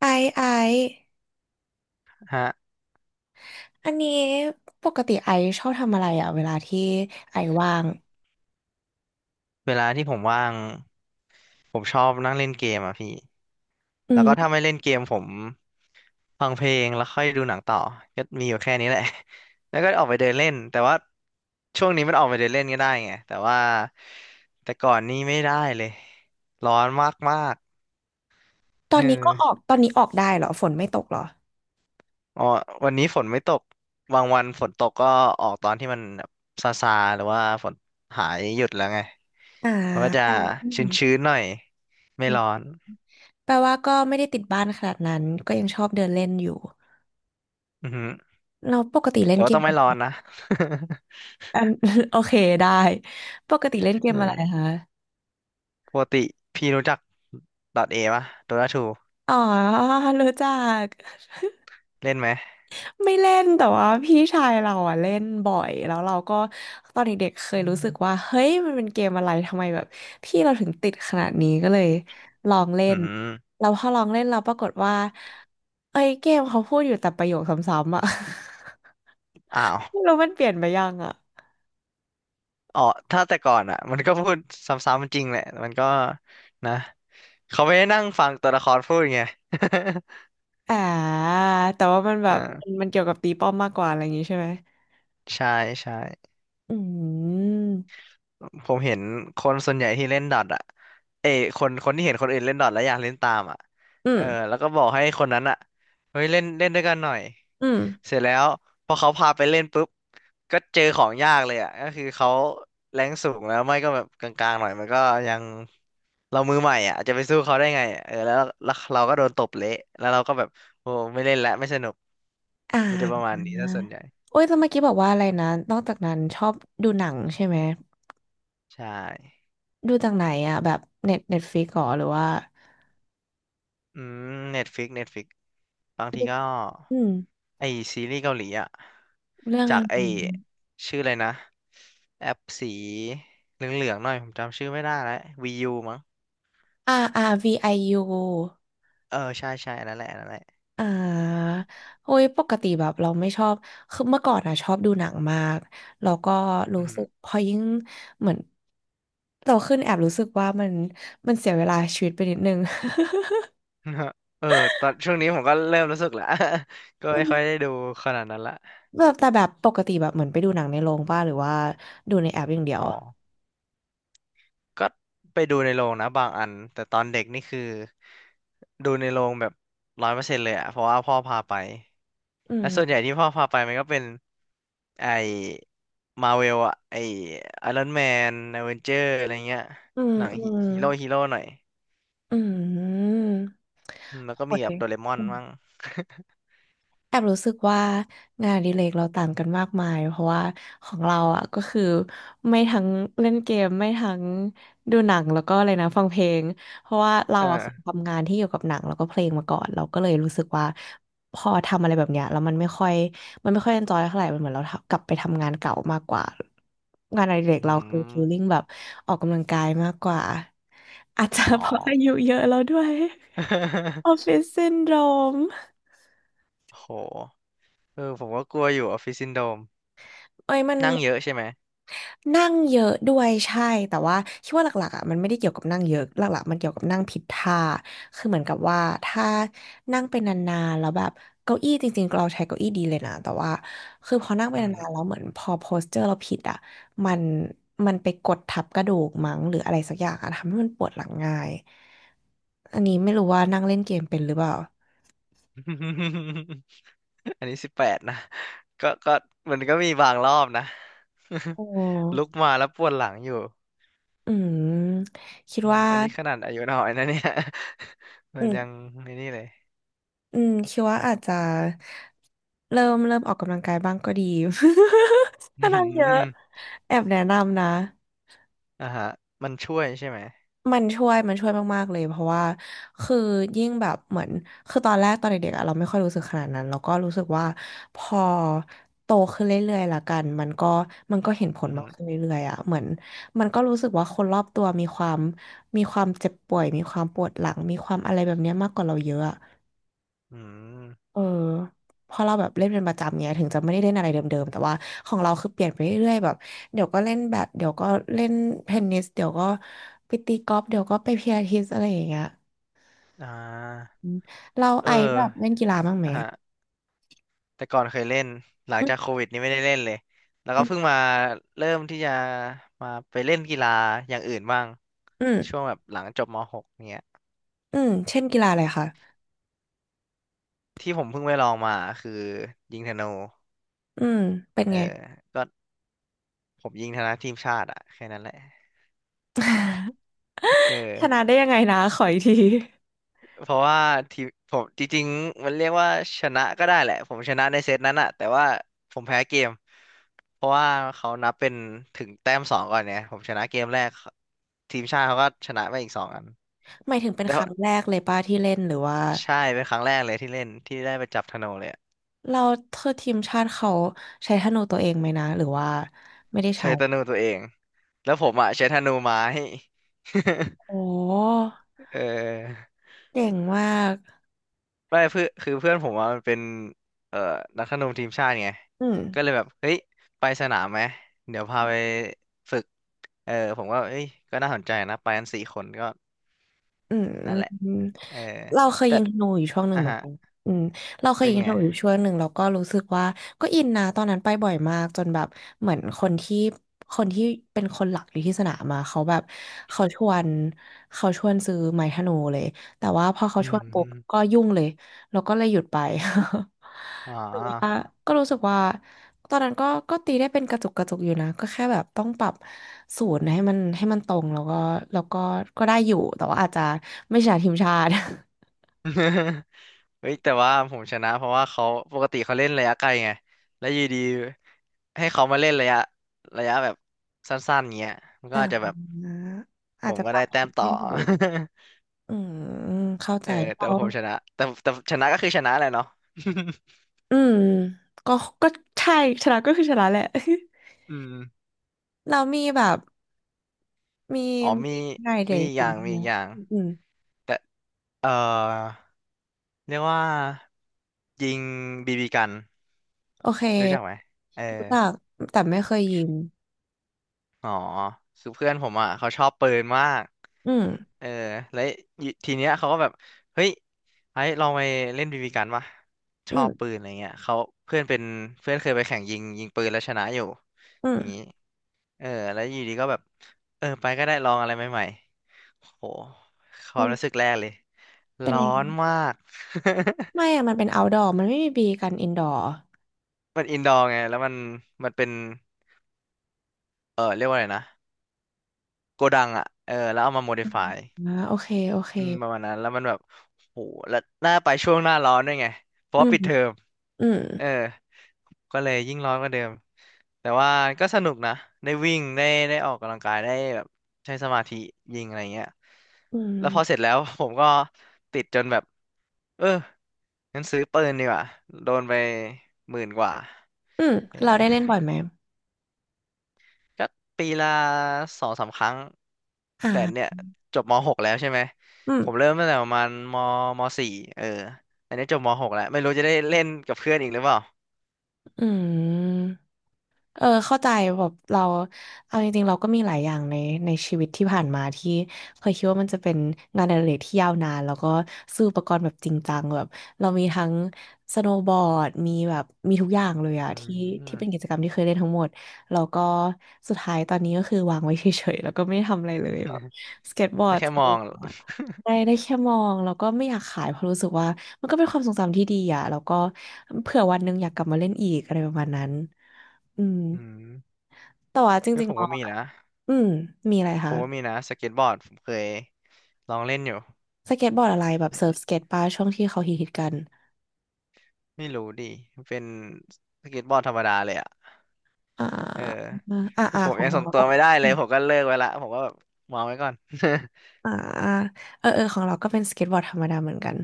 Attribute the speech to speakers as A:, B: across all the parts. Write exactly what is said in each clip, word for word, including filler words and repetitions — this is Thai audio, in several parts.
A: ไอซ์ไอซ์
B: ฮะ
A: อันนี้ปกติไอซ์ชอบทำอะไรอ่ะเวลาที่ไอซ์ว่าง
B: เวลาที่ผมว่างผมชอบนั่งเล่นเกมอ่ะพี่
A: อื
B: แล้วก็ถ้า
A: ม
B: ไม่เล่นเกมผมฟังเพลงแล้วค่อยดูหนังต่อก็มีอยู่แค่นี้แหละ แล้วก็ออกไปเดินเล่นแต่ว่าช่วงนี้มันออกไปเดินเล่นก็ได้ไงแต่ว่าแต่ก่อนนี้ไม่ได้เลยร้อนมากมาก
A: ตอ
B: เ
A: นนี้ก็ออ
B: ออ
A: กตอนนี้ออกได้เหรอฝนไม่ตกเหรอ
B: อ๋อวันนี้ฝนไม่ตกบางวันฝนตกก็ออกตอนที่มันแบบซาซาหรือว่าฝนหายหยุดแล้วไง
A: อ่า
B: มันก็จะ
A: แปลว่าอื
B: ช
A: ม
B: ื้นๆหน่อยไม่
A: อื
B: ร้อ
A: ม
B: น
A: แปลว่าก็ไม่ได้ติดบ้านขนาดนั้นก็ยังชอบเดินเล่นอยู่
B: อือฮึ
A: เราปกติเล่
B: แต่
A: นเก
B: ว่าต้อ
A: ม
B: งไม่ร้อนนะ
A: อัน โอเคได้ ปกติเล่ นเก
B: อื
A: มอะไร
B: ม
A: คะ
B: ปกติพี่รู้จักดอทเตปะโดาทู
A: อ๋อรู้จัก
B: เล่นไหม
A: ไม่เล่นแต่ว่าพี่ชายเราอะเล่นบ่อยแล้วเราก็ตอนเด็กๆเคยรู้สึกว่าเฮ้ยมันเป็นเกมอะไรทำไมแบบพี่เราถึงติดขนาดนี้ก็เลยลองเล่
B: อื
A: น
B: ม
A: เราพอลองเล่นเราปรากฏว่าเอ้ยเกมเขาพูดอยู่แต่ประโยคซ้ำๆอะ
B: อ้าว
A: ไม่รู้มันเปลี่ยนไปยังอะ
B: อ๋อถ้าแต่ก่อนอ่ะมันก็พูดซ้ำๆจริงแหละมันก็นะ เขาไม่ได้นั่งฟังตัวละครพูดไง
A: อ่าแต่ว่ามันแบบมัน
B: อ่า
A: มันเกี่ยวกับตีป้อมมากกว่าอะไรอย่างงี้ใช่ไหม
B: ใช่ใช่
A: อืม
B: ผมเห็นคนส่วนใหญ่ที่เล่นดอทอ่ะเอยคนคนที่เห็นคนอื่นเล่นดอทแล้วอยากเล่นตามอ่ะ
A: อื
B: เอ
A: ม
B: อแล้วก็บอกให้คนนั้นอ่ะเฮ้ยเล่นเล่นด้วยกันหน่อย
A: อืม
B: เสร็จแล้วพอเขาพาไปเล่นปุ๊บก็เจอของยากเลยอ่ะก็คือเขาแรงสูงแล้วไม่ก็แบบกลางๆหน่อยมันก็ยังเรามือใหม่อ่ะจะไปสู้เขาได้ไงอะเออแล้วแล้วเราก็โดนตบเละแล้วเราก็แบบโอ้ไม่เล่นละไม่สนุก
A: อ่
B: มันจะประ
A: า
B: มาณนี้ถ้าส่วนใหญ่
A: โอ้ยแต่เมื่อกี้บอกว่าอะไรนะนอกจากนั้นชอบดูหนังใช่ไหม
B: ใช่
A: ดูจากไหนอ่ะแบบเน็ตเน็ตฟลิกหรอหรือว่า
B: อืมเน็ตฟิกเน็ตฟิกบางทีก็
A: อืม
B: ไอซีรีส์เกาหลีอ่ะ
A: เรื่องอะ
B: จาก
A: ไร
B: ไอชื่ออะไรนะแอปสีเหลืองๆหน่อยผมจำชื่อไม่ได้แล้ววียูมั้ง
A: อาร์ อาร์ วี ไอ ยู อยู
B: เออใช่ใช่อันนั่นแหละอันนั่นแหละ
A: อ่าโอ้ยปกติแบบเราไม่ชอบคือเมื่อก่อนอ่ะชอบดูหนังมากแล้วก็
B: อื
A: รู้
B: ม
A: สึกพอยิ่งเหมือนโตขึ้นแอบรู้สึกว่ามันมันเสียเวลาชีวิตไปนิดนึง
B: ฮะเออตอนช่วงนี้ผมก็เริ่มรู้สึกแล้ว ก็
A: อื
B: ไม่
A: ม
B: ค่อยได้ดูขนาดนั้นละ
A: แบบแต่แบบปกติแบบเหมือนไปดูหนังในโรงป่ะหรือว่าดูในแอปอย่างเดียว
B: อ๋อก็ไปดูในโรงนะบางอันแต่ตอนเด็กนี่คือดูในโรงแบบร้อยเปอร์เซ็นต์เลยอะเพราะว่าพ่อพาไป
A: อื
B: และส่วนใหญ่
A: ม
B: ที่พ่อพาไปมันก็เป็นไอมาเวลอะไอไอรอนแมนอเวนเจอร์อะไรเงี้ย
A: อืม
B: หนัง
A: อืม
B: ฮีโร่ฮีโร่หน่อย
A: อืม
B: อืมแล้วก็
A: โอ้
B: มีแบบโดเร
A: ย
B: มอนมั่ง
A: แอบรู้สึกว่างานอดิเรกเราต่างกันมากมายเพราะว่าของเราอ่ะก็คือไม่ทั้งเล่นเกมไม่ทั้งดูหนังแล้วก็อะไรนะฟังเพลงเพราะว่า เรา
B: เอ
A: อ่ะเค
B: อ
A: ยทำงานที่เกี่ยวกับหนังแล้วก็เพลงมาก่อนเราก็เลยรู้สึกว่าพอทำอะไรแบบเนี้ยแล้วมันไม่ค่อยมันไม่ค่อยเอนจอยเท่าไหร่มันเหมือนเรากลับไปทำงานเก่ามากกว่างานอดิเรก
B: อื
A: เราคือฟีลลิ่ง
B: ม
A: แบบออกกำลังกายมากกว่าอาจจะ
B: อ๋อ
A: เพราะอายุเยอะแล้วด้วย ออฟฟิศซินโดรม
B: โห เออผมก็กลัวอยู่ออฟฟิศซินโดรม
A: เอ้ยมัน
B: นั่งเยอะใช่ไหม
A: นั่งเยอะด้วยใช่แต่ว่าคิดว่าหลักๆอ่ะมันไม่ได้เกี่ยวกับนั่งเยอะหลักๆมันเกี่ยวกับนั่งผิดท่าคือเหมือนกับว่าถ้านั่งไปนานๆแล้วแบบเก้าอี้จริงๆเราใช้เก้าอี้ดีเลยนะแต่ว่าคือพอนั่งไป
B: อือหื
A: นา
B: อ
A: นๆแล้วเหมือนพอโพสเจอร์เราผิดอ่ะมันมันไปกดทับกระดูกมั้งหรืออะไรสักอย่างอ่ะทำให้มันปวดหลังง่ายอันนี้ไม่รู้ว่านั่งเล่นเกมเป็นหรือเปล่า
B: อันนี้สิบแปดนะก็ก็มันก็มีบางรอบนะ
A: อ๋
B: ลุก
A: อ
B: มาแล้วปวดหลังอยู่
A: อืมคิด
B: อืม
A: ว่า
B: อันนี้ขนาดอายุน้อยนะเนี่ย มั
A: อื
B: นยัง
A: ม
B: ไม่นี่เลย
A: อืมคิดว่าอาจจะเริ่มเริ่มออกกำลังกายบ้างก็ดี
B: อื
A: ถ้า
B: อหื
A: นั่งเยอะ
B: อ
A: แอบแนะนำนะ
B: อ่าฮะมันช่วยใช่ไหม
A: มันช่วยมันช่วยมากๆเลยเพราะว่าคือยิ่งแบบเหมือนคือตอนแรกตอนเด็กๆอะเราไม่ค่อยรู้สึกขนาดนั้นแล้วก็รู้สึกว่าพอโตขึ้นเรื่อยๆละกันมันก็มันก็เห็นผล
B: อือ
A: มา
B: หื
A: ก
B: อ
A: ขึ้นเรื่อยๆอะเหมือนมันก็รู้สึกว่าคนรอบตัวมีความมีความเจ็บป่วยมีความปวดหลังมีความอะไรแบบเนี้ยมากกว่าเราเยอะอะ
B: อืม
A: เออพอเราแบบเล่นเป็นประจำเนี้ยถึงจะไม่ได้เล่นอะไรเดิมๆแต่ว่าของเราคือเปลี่ยนไปเรื่อยๆแบบเดี๋ยวก็เล่นแบดเดี๋ยวก็เล่นเทนนิสเดี๋ยวก็ไปตีกอล์ฟเดี๋ยวก็ไปพิลาทิสอะไรอย่างเงี้ย
B: อ่า
A: อืมเรา
B: เอ
A: ไอ
B: อ
A: แบบเล่นกีฬาบ้างไหม
B: อ่าฮะแต่ก่อนเคยเล่นหลัง
A: อืม
B: จากโควิดนี้ไม่ได้เล่นเลยแล้วก็
A: อ
B: เพิ่งมาเริ่มที่จะมาไปเล่นกีฬาอย่างอื่นบ้าง
A: ืมอื
B: ช่ว
A: ม
B: งแบบหลังจบมหกเนี้ย
A: อืมเช่นกีฬาอะไรคะ
B: ที่ผมเพิ่งไปลองมาคือยิงธนู
A: อืมเป็น
B: เออ
A: ไง
B: ก็ผมยิงธนูทีมชาติอะแค่นั้นแหละเ
A: ชนะ
B: ออ
A: ได้ยังไงนะขออีกที
B: เพราะว่าทีมผมจริงๆมันเรียกว่าชนะก็ได้แหละผมชนะในเซตนั้นอะแต่ว่าผมแพ้เกมเพราะว่าเขานับเป็นถึงแต้มสองก่อนเนี่ยผมชนะเกมแรกทีมชาติเขาก็ชนะไปอีกสองอัน
A: หมายถึงเป็น
B: แต่
A: ค
B: ว่า
A: รั้งแรกเลยป้าที่เล่นหรือว่า
B: ใช่เป็นครั้งแรกเลยที่เล่นที่ได้ไปจับธนูเลยอะ
A: เราเธอทีมชาติเขาใช้ธนูตัวเองไหมนะหรือว่าไม่ได้
B: ใช้
A: ใช้
B: ธนูตัวเองแล้วผมอะใช้ธนูไม้
A: โอ้
B: เออ
A: เก่งมาก
B: ไม่เพื่อนคือเพื่อนผมว่ามันเป็นเอ่อนักธนูทีมชาติไง
A: อืม
B: ก็เลยแบบเฮ้ยไปสนามไหมเดี๋ยวพาไปฝึกเออผมก็เอ้ยก็น่าสนใจนะไปกันสี่คนก็
A: อืมอื
B: นั่น
A: ม
B: แหละ
A: อืม
B: เออ
A: เราเคย
B: แต่
A: ยิงธนูอยู่ช่วงหนึ่ง
B: อ่ะ
A: เหมือน
B: ฮะ
A: กันอืมเราเคย
B: เป็น
A: ยิง
B: ไง
A: ธนูอยู่ช่วงหนึ่งแล้วก็รู้สึกว่าก็อินนะตอนนั้นไปบ่อยมากจนแบบเหมือนคนที่คนที่เป็นคนหลักอยู่ที่สนามมาเขาแบบเขาชวนเขาชวนซื้อไม้ธนูเลยแต่ว่าพอเขา
B: อื
A: ชวนปุ๊บ
B: ม
A: ก็ยุ่งเลยแล้วก็เลยหยุดไป
B: อ๋
A: แล้ว
B: อ
A: ก็รู้สึกว่าตอนนั้นก็ก็ตีได้เป็นกระจุกกระจุกอยู่นะก็แค่แบบต้องปรับศูนย์ให้มันให้มันตรงแล้วก็แล้วก็ก็ได้อยู่แต่ว่าอาจจะไม่ใช่ทีมชาติ
B: เฮ้ยแต่ว่าผมชนะเพราะว่าเขาปกติเขาเล่นระยะไกลไงแล้วอยู่ดีให้เขามาเล่นระยะระยะแบบสั้นๆเงี้ยมัน ก็
A: อ่า
B: อาจจะแบบ ผ
A: อาจ
B: ม
A: จะ
B: ก็
A: ปรั
B: ได้
A: บ
B: แต้
A: ผิ
B: ม
A: ด
B: ต่อ
A: ไม่ถูก อืมเข้าใจ
B: เออแต่
A: เรา
B: ว่าผมชนะแต่แต่ชนะก็คือชนะแหละเนาะ
A: อืมก็ก็ใช่ชนะก็คือชนะแหละ
B: อืม
A: เรามีแบบมี
B: อ๋อมี
A: มีไงเด็
B: มี
A: ก
B: อีกอ
A: อื่
B: ย่าง
A: น
B: มี
A: ไหม
B: อีกอย่าง
A: อืม
B: แต่เออเรียกว่ายิงบีบีกัน
A: โอเค
B: รู้จักไหมเออ
A: รู้จักแต่ไม่เคยยิง
B: อ๋อคือเพื่อนผมอ่ะเขาชอบปืนมาก
A: อืม
B: เออแล้วทีเนี้ยเขาก็แบบเฮ้ยไอ้ลองไปเล่นบีบีกันปะช
A: อื
B: อ
A: ม
B: บปืนอะไรเงี้ยเขาเพื่อนเป็นเพื่อนเคยไปแข่งยิงยิงปืนแล้วชนะอยู่
A: อื
B: อย่างนี้
A: ม
B: เออแล้วอยู่ดีก็แบบเออไปก็ได้ลองอะไรใหม่ๆโหค
A: อื
B: วาม
A: ม
B: รู้สึกแรกเลย
A: เป็น
B: ร้อ
A: ยังไง
B: นมาก
A: ไม่อะมันเป็น outdoor มันไม่มีบีกัน indoor
B: มันอินดอร์ไงแล้วมันมันเป็นเออเรียกว่าอะไรนะโกดังอ่ะเออแล้วเอามาโมดิฟาย
A: อ่าโอเคโอเค
B: อืมประมาณนั้นแล้วมันแบบโหแล้วหน้าไปช่วงหน้าร้อนด้วยไงเพราะ
A: อื
B: ว่า
A: ม
B: ปิดเทอม
A: อืม
B: เออก็เลยยิ่งร้อนกว่าเดิม แต่ว่าก็สนุกนะได้วิ่งได้ได้ออกกำลังกายได้แบบใช้สมาธิยิงอะไรเงี้ย
A: อืม
B: แล้วพอเสร็จแล้ว ผมก็ติดจนแบบเอองั้นซื้อปืนดีกว่าโดนไปหมื่นกว่า
A: อืม
B: เออ
A: เราได้เล่นบ่อยไหม
B: ก็ปีละสองสามครั้ง
A: อ่
B: แต่เนี่ย
A: า
B: จบมหกแล้วใช่ไหม
A: อืม
B: ผมเริ่มตั้งแต่ประมาณมมสี่เอออันนี้จบมหกแล้วไม่รู้จะได้เล่นกับเพื่อนอีกหรือเปล่า
A: อืม เออเข้าใจแบบเราเอาจริงๆเราก็มีหลายอย่างในในชีวิตที่ผ่านมาที่เคยคิดว่ามันจะเป็นงานอดิเรกที่ยาวนานแล้วก็ซื้ออุปกรณ์แบบจริงจังแบบเรามีทั้งสโนว์บอร์ดมีแบบมีทุกอย่างเลยอะ
B: อื
A: ที่ที่
B: ม
A: เป็นกิจกรรมที่เคยเล่นทั้งหมดแล้วก็สุดท้ายตอนนี้ก็คือวางไว้เฉยๆแล้วก็ไม่ได้ทำอะไรเลยแบบ สเก็ตบอ
B: ได้
A: ร์ด
B: แค่
A: ส
B: ม
A: โน
B: อง
A: ว์ บอร์ดได้ได้แค่มองแล้วก็ไม่อยากขายเพราะรู้สึกว่ามันก็เป็นความทรงจำที่ดีอะแล้วก็เผื่อวันหนึงอยากกลับมาเล่นอีกอะไรประมาณนั้น อืม
B: อืม
A: แต่ว่าจ
B: เพ่
A: ริง
B: ผม
A: ๆม
B: ก็
A: อง
B: มี
A: อ่ะ
B: นะ
A: อืมมีอะไร
B: ผ
A: คะ
B: มก็มีนะสเก็ตบอร์ดผมเคยลองเล่นอยู่
A: สเก็ตบอร์ดอะไรแบบเซิร์ฟสเก็ตป้าช่วงที่เขาฮิตฮิตกัน
B: ไม่รู้ดิเป็นสเก็ตบอร์ดธรรมดาเลยอ่ะ
A: อ่า
B: เออ
A: อ่าอ่า
B: ผม
A: ของ
B: ยัง
A: เรา
B: ส่งตั
A: ก็
B: วไม่ได้
A: อ
B: เลยผมก็เลิกไว้ละผมก็แบบวางไว้ก่อน
A: ่าอ่าเออเออของเราก็เป็นสเก็ตบอร์ดธรรมดาเหมือนกัน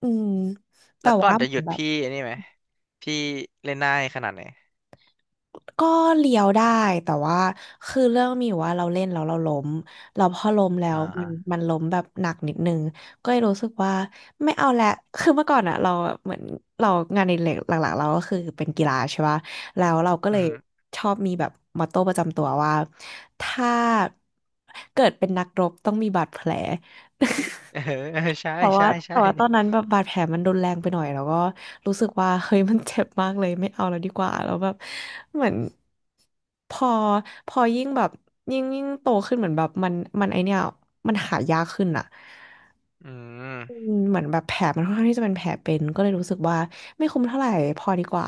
A: อืม แต่
B: แล้วก่อ
A: ว่า
B: นจะ
A: เห
B: ห
A: มือ
B: ยุ
A: น
B: ด
A: แบบ
B: พี่อันนี้ไหมพี่เล่นได้ขนาดไหน
A: ก็เลี้ยวได้แต่ว่าคือเรื่องมีอยู่ว่าเราเล่นแล้วเราล้มเราพอล้มแล้
B: อ่
A: วมัน
B: า
A: มันล้มแบบหนักนิดนึงก็เลยรู้สึกว่าไม่เอาละคือเมื่อก่อนอะเราแบบเหมือนเรางานในเหล็กหลักๆเราก็คือเป็นกีฬาใช่ปะแล้วเราก็เล
B: อือ
A: ย
B: หือ
A: ชอบมีแบบมอตโต้ประจำตัวว่าถ้าเกิดเป็นนักรบต้องมีบาดแผล
B: เออเออใช่
A: แต่ว่า
B: ใช่
A: แต่
B: ใช่
A: ว่าตอนนั้นแบบบาดแผลมันรุนแรงไปหน่อยแล้วก็รู้สึกว่าเฮ้ยมันเจ็บมากเลยไม่เอาแล้วดีกว่าแล้วแบบเหมือนพอพอยิ่งแบบยิ่งยิ่งโตขึ้นเหมือนแบบมันมันไอเนี้ยมันหายากขึ้นอะ
B: อืม
A: อืมเหมือนแบบแผลมันค่อนข้างที่จะเป็นแผลเป็นก็เลยรู้สึกว่าไม่คุ้มเท่าไหร่พอดีกว่า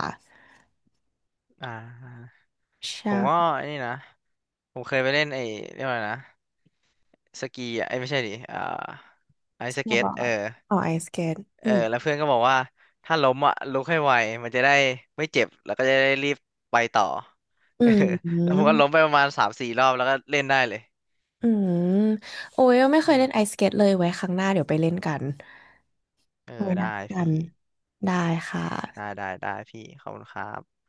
B: อ่า
A: ใช
B: ผมก็
A: ่
B: อันนี้นะผมเคยไปเล่นไอ้เรียกว่าอะไรนะ สกีอ่ะเอ้ยไม่ใช่ดิอ่าไอซ์
A: ส
B: ส
A: โนว์
B: เก็
A: บ
B: ต
A: อ
B: เออ
A: ร์ดอ๋อไอสเกต
B: เอ
A: อื
B: อ
A: ม
B: แล้วเพื่อนก็บอกว่าถ้าล้มอ่ะลุกให้ไวมันจะได้ไม่เจ็บแล้วก็จะได้รีบไปต่อ
A: อื
B: เออแล้วผม
A: ม
B: ก็ล้มไปประมาณสามสี่รอบแล้วก็เล่นได้เลย
A: อืมโอ้ยไม่เค
B: อื
A: ย
B: ม
A: เล่นไอสเกตเลยไว้ครั้งหน้าเดี๋ยวไปเล่นกัน
B: เอ
A: เค
B: อ
A: ยนัด
B: ได้
A: กัน
B: พี่
A: ได้ค
B: ได้
A: ่ะ
B: ได้ได้พี่ขอบคุณครับ